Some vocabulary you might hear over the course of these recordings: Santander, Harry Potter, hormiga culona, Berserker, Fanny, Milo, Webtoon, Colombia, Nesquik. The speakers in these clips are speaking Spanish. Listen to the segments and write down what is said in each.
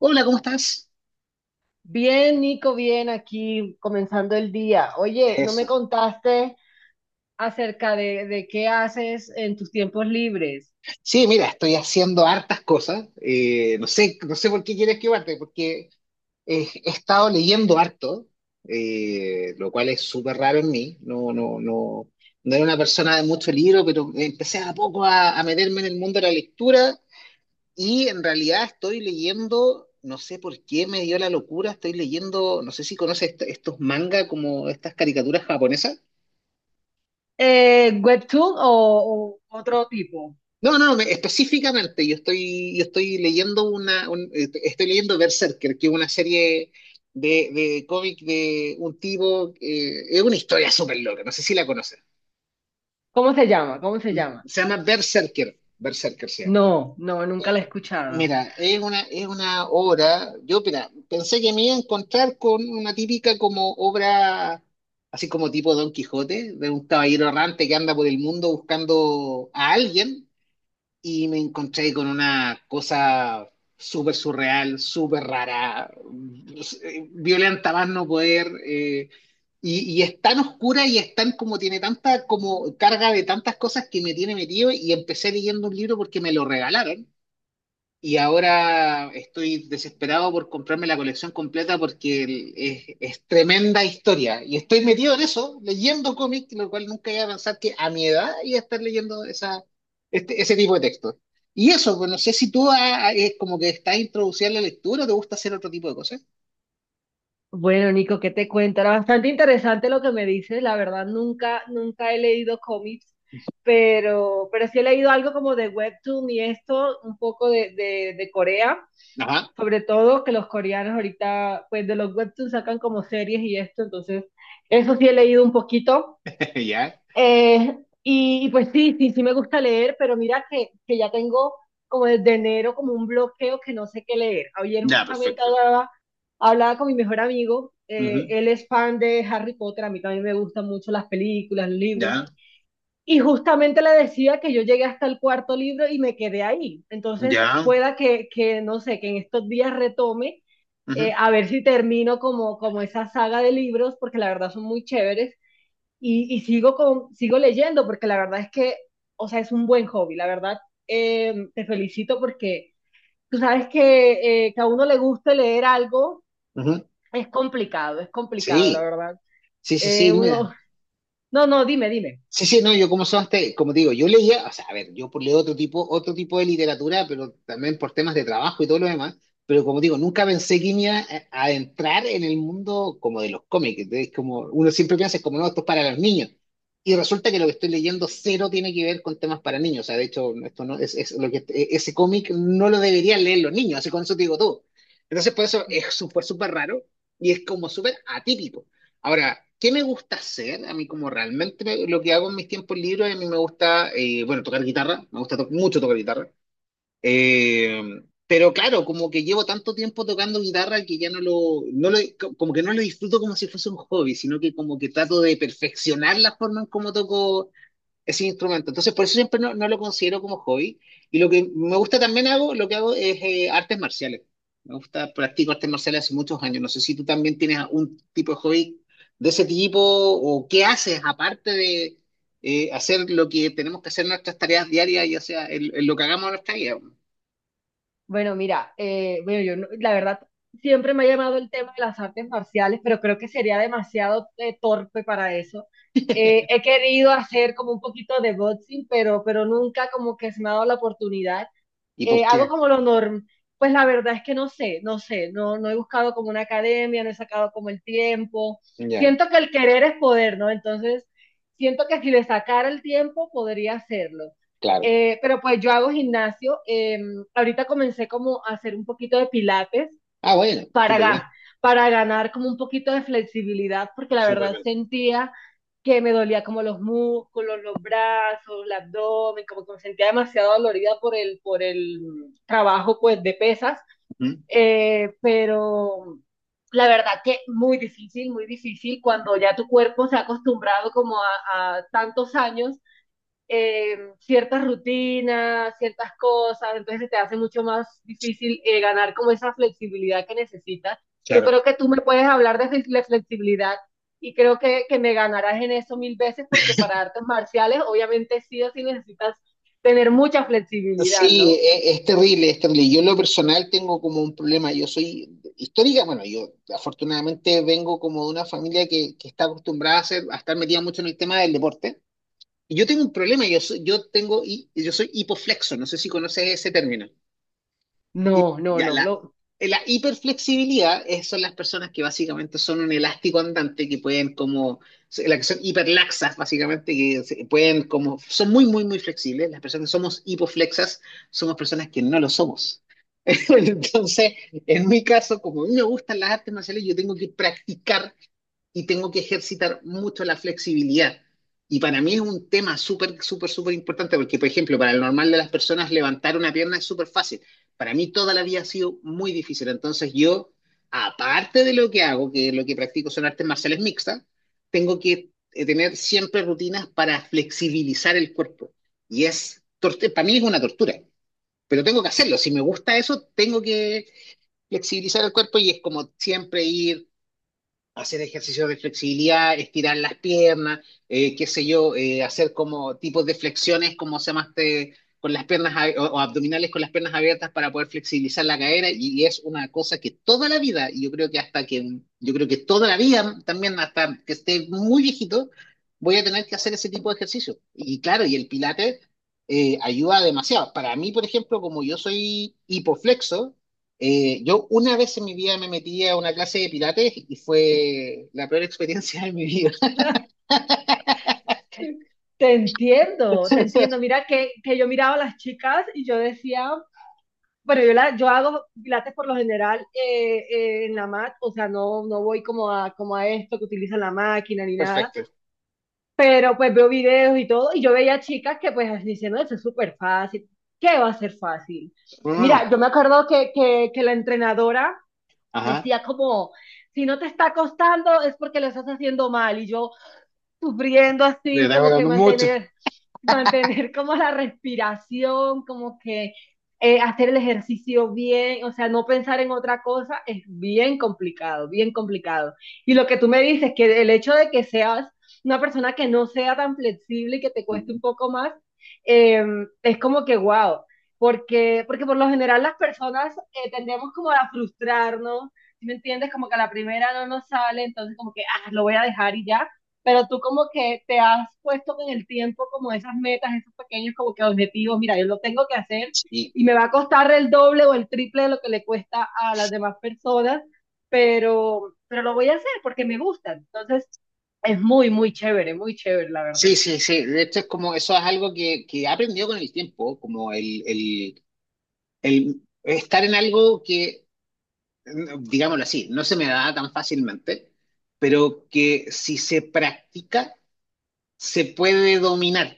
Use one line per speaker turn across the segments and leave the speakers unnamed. Hola, ¿cómo estás?
Bien, Nico, bien, aquí comenzando el día. Oye, no me
Eso.
contaste acerca de qué haces en tus tiempos libres.
Sí, mira, estoy haciendo hartas cosas. No sé por qué quieres que parte, porque he estado leyendo harto, lo cual es súper raro en mí. No, no, no, no era una persona de mucho libro, pero empecé a poco a meterme en el mundo de la lectura y en realidad estoy leyendo, no sé por qué me dio la locura, estoy leyendo, no sé si conoces estos mangas como estas caricaturas japonesas.
¿Webtoon o otro tipo?
No, no, no, específicamente yo estoy estoy leyendo Berserker, que es una serie de cómic de un tipo, es una historia súper loca, no sé si la conoces.
¿Cómo se llama? ¿Cómo se llama?
Se llama Berserker, Berserker se llama.
No, no, nunca
Eh,
la he escuchado.
Mira, es una obra, yo mira, pensé que me iba a encontrar con una típica como obra, así como tipo Don Quijote, de un caballero errante que anda por el mundo buscando a alguien y me encontré con una cosa súper surreal, súper rara, violenta más no poder, y es tan oscura y es tan como tiene tanta como carga de tantas cosas que me tiene metido y empecé leyendo un libro porque me lo regalaron y ahora estoy desesperado por comprarme la colección completa porque es tremenda historia. Y estoy metido en eso, leyendo cómics, lo cual nunca iba a pensar que a mi edad iba a estar leyendo ese tipo de textos. Y eso, pues no sé si tú como que estás introducida en la lectura o te gusta hacer otro tipo de cosas.
Bueno, Nico, ¿qué te cuento? Era bastante interesante lo que me dices. La verdad, nunca, nunca he leído cómics, pero sí he leído algo como de Webtoon y esto, un poco de Corea.
Ajá,
Sobre todo que los coreanos ahorita, pues de los webtoons sacan como series y esto, entonces eso sí he leído un poquito.
ya.
Y, y, pues sí, sí, sí me gusta leer, pero mira que ya tengo como desde enero como un bloqueo que no sé qué leer. Ayer
Ya,
justamente
perfecto.
hablaba, hablaba con mi mejor amigo,
Ujú.
él es fan de Harry Potter, a mí también me gustan mucho las películas, los libros,
Ya,
y justamente le decía que yo llegué hasta el cuarto libro y me quedé ahí. Entonces,
ya.
pueda que no sé, que en estos días retome,
Ujú,
a ver si termino como, como esa saga de libros, porque la verdad son muy chéveres. Y sigo, con, sigo leyendo, porque la verdad es que, o sea, es un buen hobby. La verdad, te felicito porque tú sabes que a uno le guste leer algo
ujú.
es complicado, la
Sí,
verdad.
sí, sí, sí, mira.
Uno... No, no, dime, dime.
Sí, sí, no, yo como son, como te digo, yo leía, o sea, a ver, leo otro tipo de literatura, pero también por temas de trabajo y todo lo demás, pero como digo, nunca pensé que me iba a entrar en el mundo como de los cómics, entonces como uno siempre piensa, es como no, esto es para los niños, y resulta que lo que estoy leyendo cero tiene que ver con temas para niños, o sea, de hecho, esto no, es lo que, ese cómic no lo deberían leer los niños, así con eso te digo todo. Entonces, por eso fue súper raro y es como súper atípico. Ahora, ¿qué me gusta hacer? A mí como realmente me- lo que hago en mis tiempos libres, a mí me gusta, bueno, tocar guitarra, me gusta mucho tocar guitarra. Eh, pero claro, como que llevo tanto tiempo tocando guitarra que ya no lo, como que no lo disfruto como si fuese un hobby, sino que como que trato de perfeccionar la forma en cómo toco ese instrumento. Entonces, por eso siempre no, no lo considero como hobby. Y lo que me gusta también hago, lo que hago es artes marciales. Me gusta, practico artes marciales hace muchos años. No sé si tú también tienes un tipo de hobby de ese tipo o qué haces aparte de hacer lo que tenemos que hacer en nuestras tareas diarias, ya sea en lo que hagamos en nuestra vida.
Bueno, mira, bueno, yo no- la verdad siempre me ha llamado el tema de las artes marciales, pero creo que sería demasiado torpe para eso. He querido hacer como un poquito de boxing, pero nunca como que se me ha dado la oportunidad
¿Y por
hago
qué?
como lo normal. Pues la verdad es que no sé, no sé, no, no he buscado como una academia, no he sacado como el tiempo.
Ya,
Siento que el querer es poder, ¿no? Entonces, siento que si le sacara el tiempo, podría hacerlo.
claro.
Pero pues yo hago gimnasio. Ahorita comencé como a hacer un poquito de pilates
Ah, bueno,
para,
súper bien,
para ganar como un poquito de flexibilidad, porque la
súper
verdad
bien.
sentía que me dolía como los músculos, los brazos, el abdomen, como que me sentía demasiado dolorida por el trabajo pues de pesas.
Ujú.
Pero la verdad que muy difícil cuando ya tu cuerpo se ha acostumbrado como a tantos años ciertas rutinas, ciertas cosas, entonces se te hace mucho más difícil ganar como esa flexibilidad que necesitas. Yo
Claro.
creo que tú me puedes hablar de de flexibilidad y creo que me ganarás en eso mil veces porque para artes marciales obviamente sí o sí necesitas tener mucha flexibilidad,
Sí,
¿no?
terrible, es terrible. Yo en lo personal tengo como un problema. Yo soy histórica, bueno, yo afortunadamente vengo como de una familia que está acostumbrada a estar metida mucho en el tema del deporte. Y yo tengo un problema, yo soy, yo tengo, hi- yo soy hipoflexo, no sé si conoces ese término. Y
No, no,
ya,
no,
la,
lo...
la hiperflexibilidad son las personas que básicamente son un elástico andante que pueden como, las que son hiperlaxas básicamente, que pueden como, son muy, muy, muy flexibles. Las personas que somos hipoflexas somos personas que no lo somos. Entonces, en mi caso, como a mí me gustan las artes marciales, yo tengo que practicar y tengo que ejercitar mucho la flexibilidad. Y para mí es un tema súper, súper, súper importante, porque, por ejemplo, para el normal de las personas levantar una pierna es súper fácil. Para mí toda la vida ha sido muy difícil. Entonces yo, aparte de lo que hago, que lo que practico son artes marciales mixtas, tengo que tener siempre rutinas para flexibilizar el cuerpo. Y es, para mí es una tortura, pero tengo que hacerlo. Si me gusta eso, tengo que flexibilizar el cuerpo y es como siempre ir hacer ejercicios de flexibilidad, estirar las piernas, qué sé yo, hacer como tipos de flexiones, como se llama este, con las piernas o abdominales con las piernas abiertas para poder flexibilizar la cadera y es una cosa que toda la vida, y yo creo que hasta que, yo creo que toda la vida, también hasta que esté muy viejito, voy a tener que hacer ese tipo de ejercicio. Y claro, y el Pilates ayuda demasiado. Para mí, por ejemplo, como yo soy hipoflexo, yo una vez en mi vida me metí a una clase de Pilates y fue la peor experiencia de mi vida.
Te entiendo, te entiendo. Mira que yo miraba a las chicas y yo decía, bueno, yo, la, yo hago pilates por lo general en la mat, o sea, no, no voy como a, como a esto que utilizan la máquina ni nada,
Perfecto.
pero pues veo videos y todo, y yo veía chicas que pues diciendo, eso es súper fácil, ¿qué va a ser fácil?
Mm,
Mira, yo me acuerdo que la entrenadora
ajá.
decía como, si no te está costando es porque lo estás haciendo mal, y yo, sufriendo
Le
así,
está
como que
hablando mucho.
mantener, mantener como la respiración, como que hacer el ejercicio bien, o sea, no pensar en otra cosa es bien complicado, bien complicado. Y lo que tú me dices, que el hecho de que seas una persona que no sea tan flexible y que te cueste
Ujú.
un poco más, eh, es como que wow. Porque, porque por lo general las personas tendemos como a frustrarnos, ¿sí? ¿Me entiendes? Como que a la primera no nos sale, entonces como que, ah, lo voy a dejar y ya, pero tú como que te has puesto con el tiempo como esas metas, esos pequeños como que objetivos, mira, yo lo tengo que hacer
Sí,
y me va a costar el doble o el triple de lo que le cuesta a las demás personas, pero lo voy a hacer porque me gusta. Entonces, es muy, muy chévere, la verdad.
sí, sí, sí. De hecho, es como eso es algo que he aprendido con el tiempo, como el, el estar en algo que, digámoslo así, no se me da tan fácilmente, pero que si se practica, se puede dominar.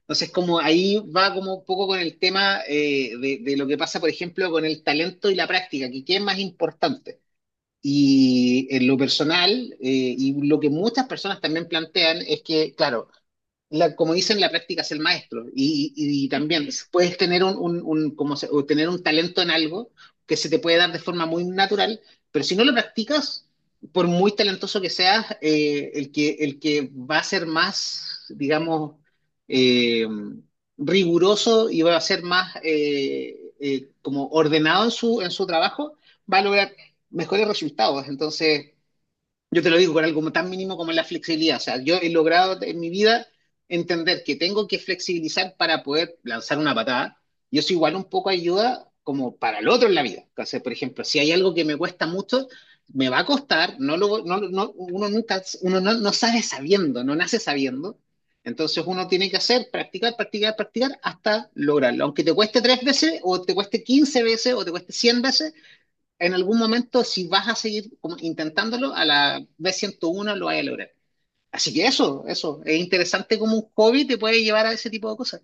Entonces, como ahí va como un poco con el tema de lo que pasa, por ejemplo, con el talento y la práctica, que qué es más importante. Y en lo personal, y lo que muchas personas también plantean es que, claro, la, como dicen, la práctica es el maestro. Y también puedes tener un, o tener un talento en algo que se te puede dar de forma muy natural, pero si no lo practicas, por muy talentoso que seas, el que va a ser más, digamos, eh, riguroso y va a ser más como ordenado en su trabajo, va a lograr mejores resultados. Entonces, yo te lo digo con algo tan mínimo como es la flexibilidad. O sea, yo he logrado en mi vida entender que tengo que flexibilizar para poder lanzar una patada. Y eso igual un poco ayuda como para el otro en la vida. O sea, por ejemplo, si hay algo que me cuesta mucho, me va a costar. No lo, no, no- uno nunca, uno no sabe sabiendo, no nace sabiendo. Entonces uno tiene que hacer, practicar, practicar, practicar hasta lograrlo. Aunque te cueste tres veces, o te cueste 15 veces, o te cueste 100 veces, en algún momento, si vas a seguir como intentándolo, a la B101 lo vas a lograr. Así que eso, es interesante como un hobby te puede llevar a ese tipo de cosas.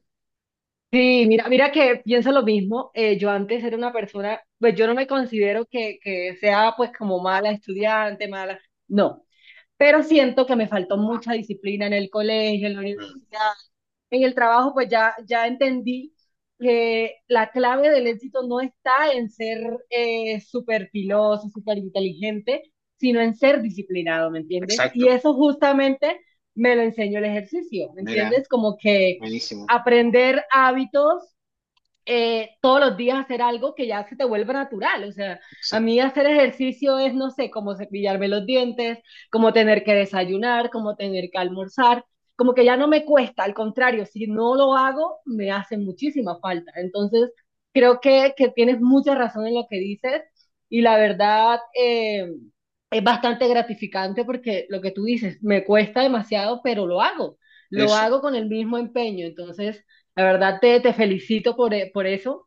Sí, mira, mira que pienso lo mismo. Yo antes era una persona, pues yo no me considero que sea pues como mala estudiante, mala, no, pero siento que me faltó mucha disciplina en el colegio, en la
Mm,
universidad, en el trabajo, pues ya, ya entendí que la clave del éxito no está en ser súper filoso, súper inteligente, sino en ser disciplinado, ¿me entiendes? Y
exacto,
eso justamente me lo enseñó el ejercicio, ¿me
mira,
entiendes? Como que
buenísimo,
aprender hábitos todos los días hacer algo que ya se te vuelva natural. O sea, a mí
exacto,
hacer ejercicio es, no sé, como cepillarme los dientes, como tener que desayunar, como tener que almorzar, como que ya no me cuesta, al contrario, si no lo hago, me hace muchísima falta. Entonces, creo que tienes mucha razón en lo que dices y la verdad... es bastante gratificante porque lo que tú dices, me cuesta demasiado, pero lo
eso.
hago con el mismo empeño. Entonces, la verdad te, te felicito por, por eso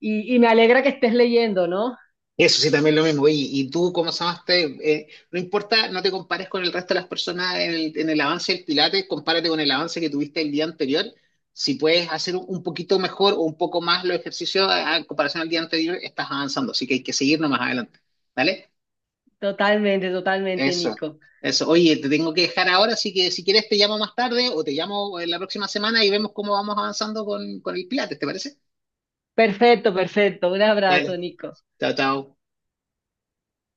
y me alegra que estés leyendo, ¿no?
Eso sí, también lo mismo. Oye, y tú, ¿cómo llamaste? No importa, no te compares con el resto de las personas en el avance del Pilates, compárate con el avance que tuviste el día anterior. Si puedes hacer un poquito mejor o un poco más los ejercicios en comparación al día anterior, estás avanzando. Así que hay que seguir más adelante. ¿Vale?
Totalmente, totalmente,
Eso,
Nico.
eso. Oye, te tengo que dejar ahora, así que si quieres te llamo más tarde o te llamo la próxima semana y vemos cómo vamos avanzando con el Pilates, ¿te parece?
Perfecto, perfecto. Un
Dale,
abrazo, Nico.
chao, chao.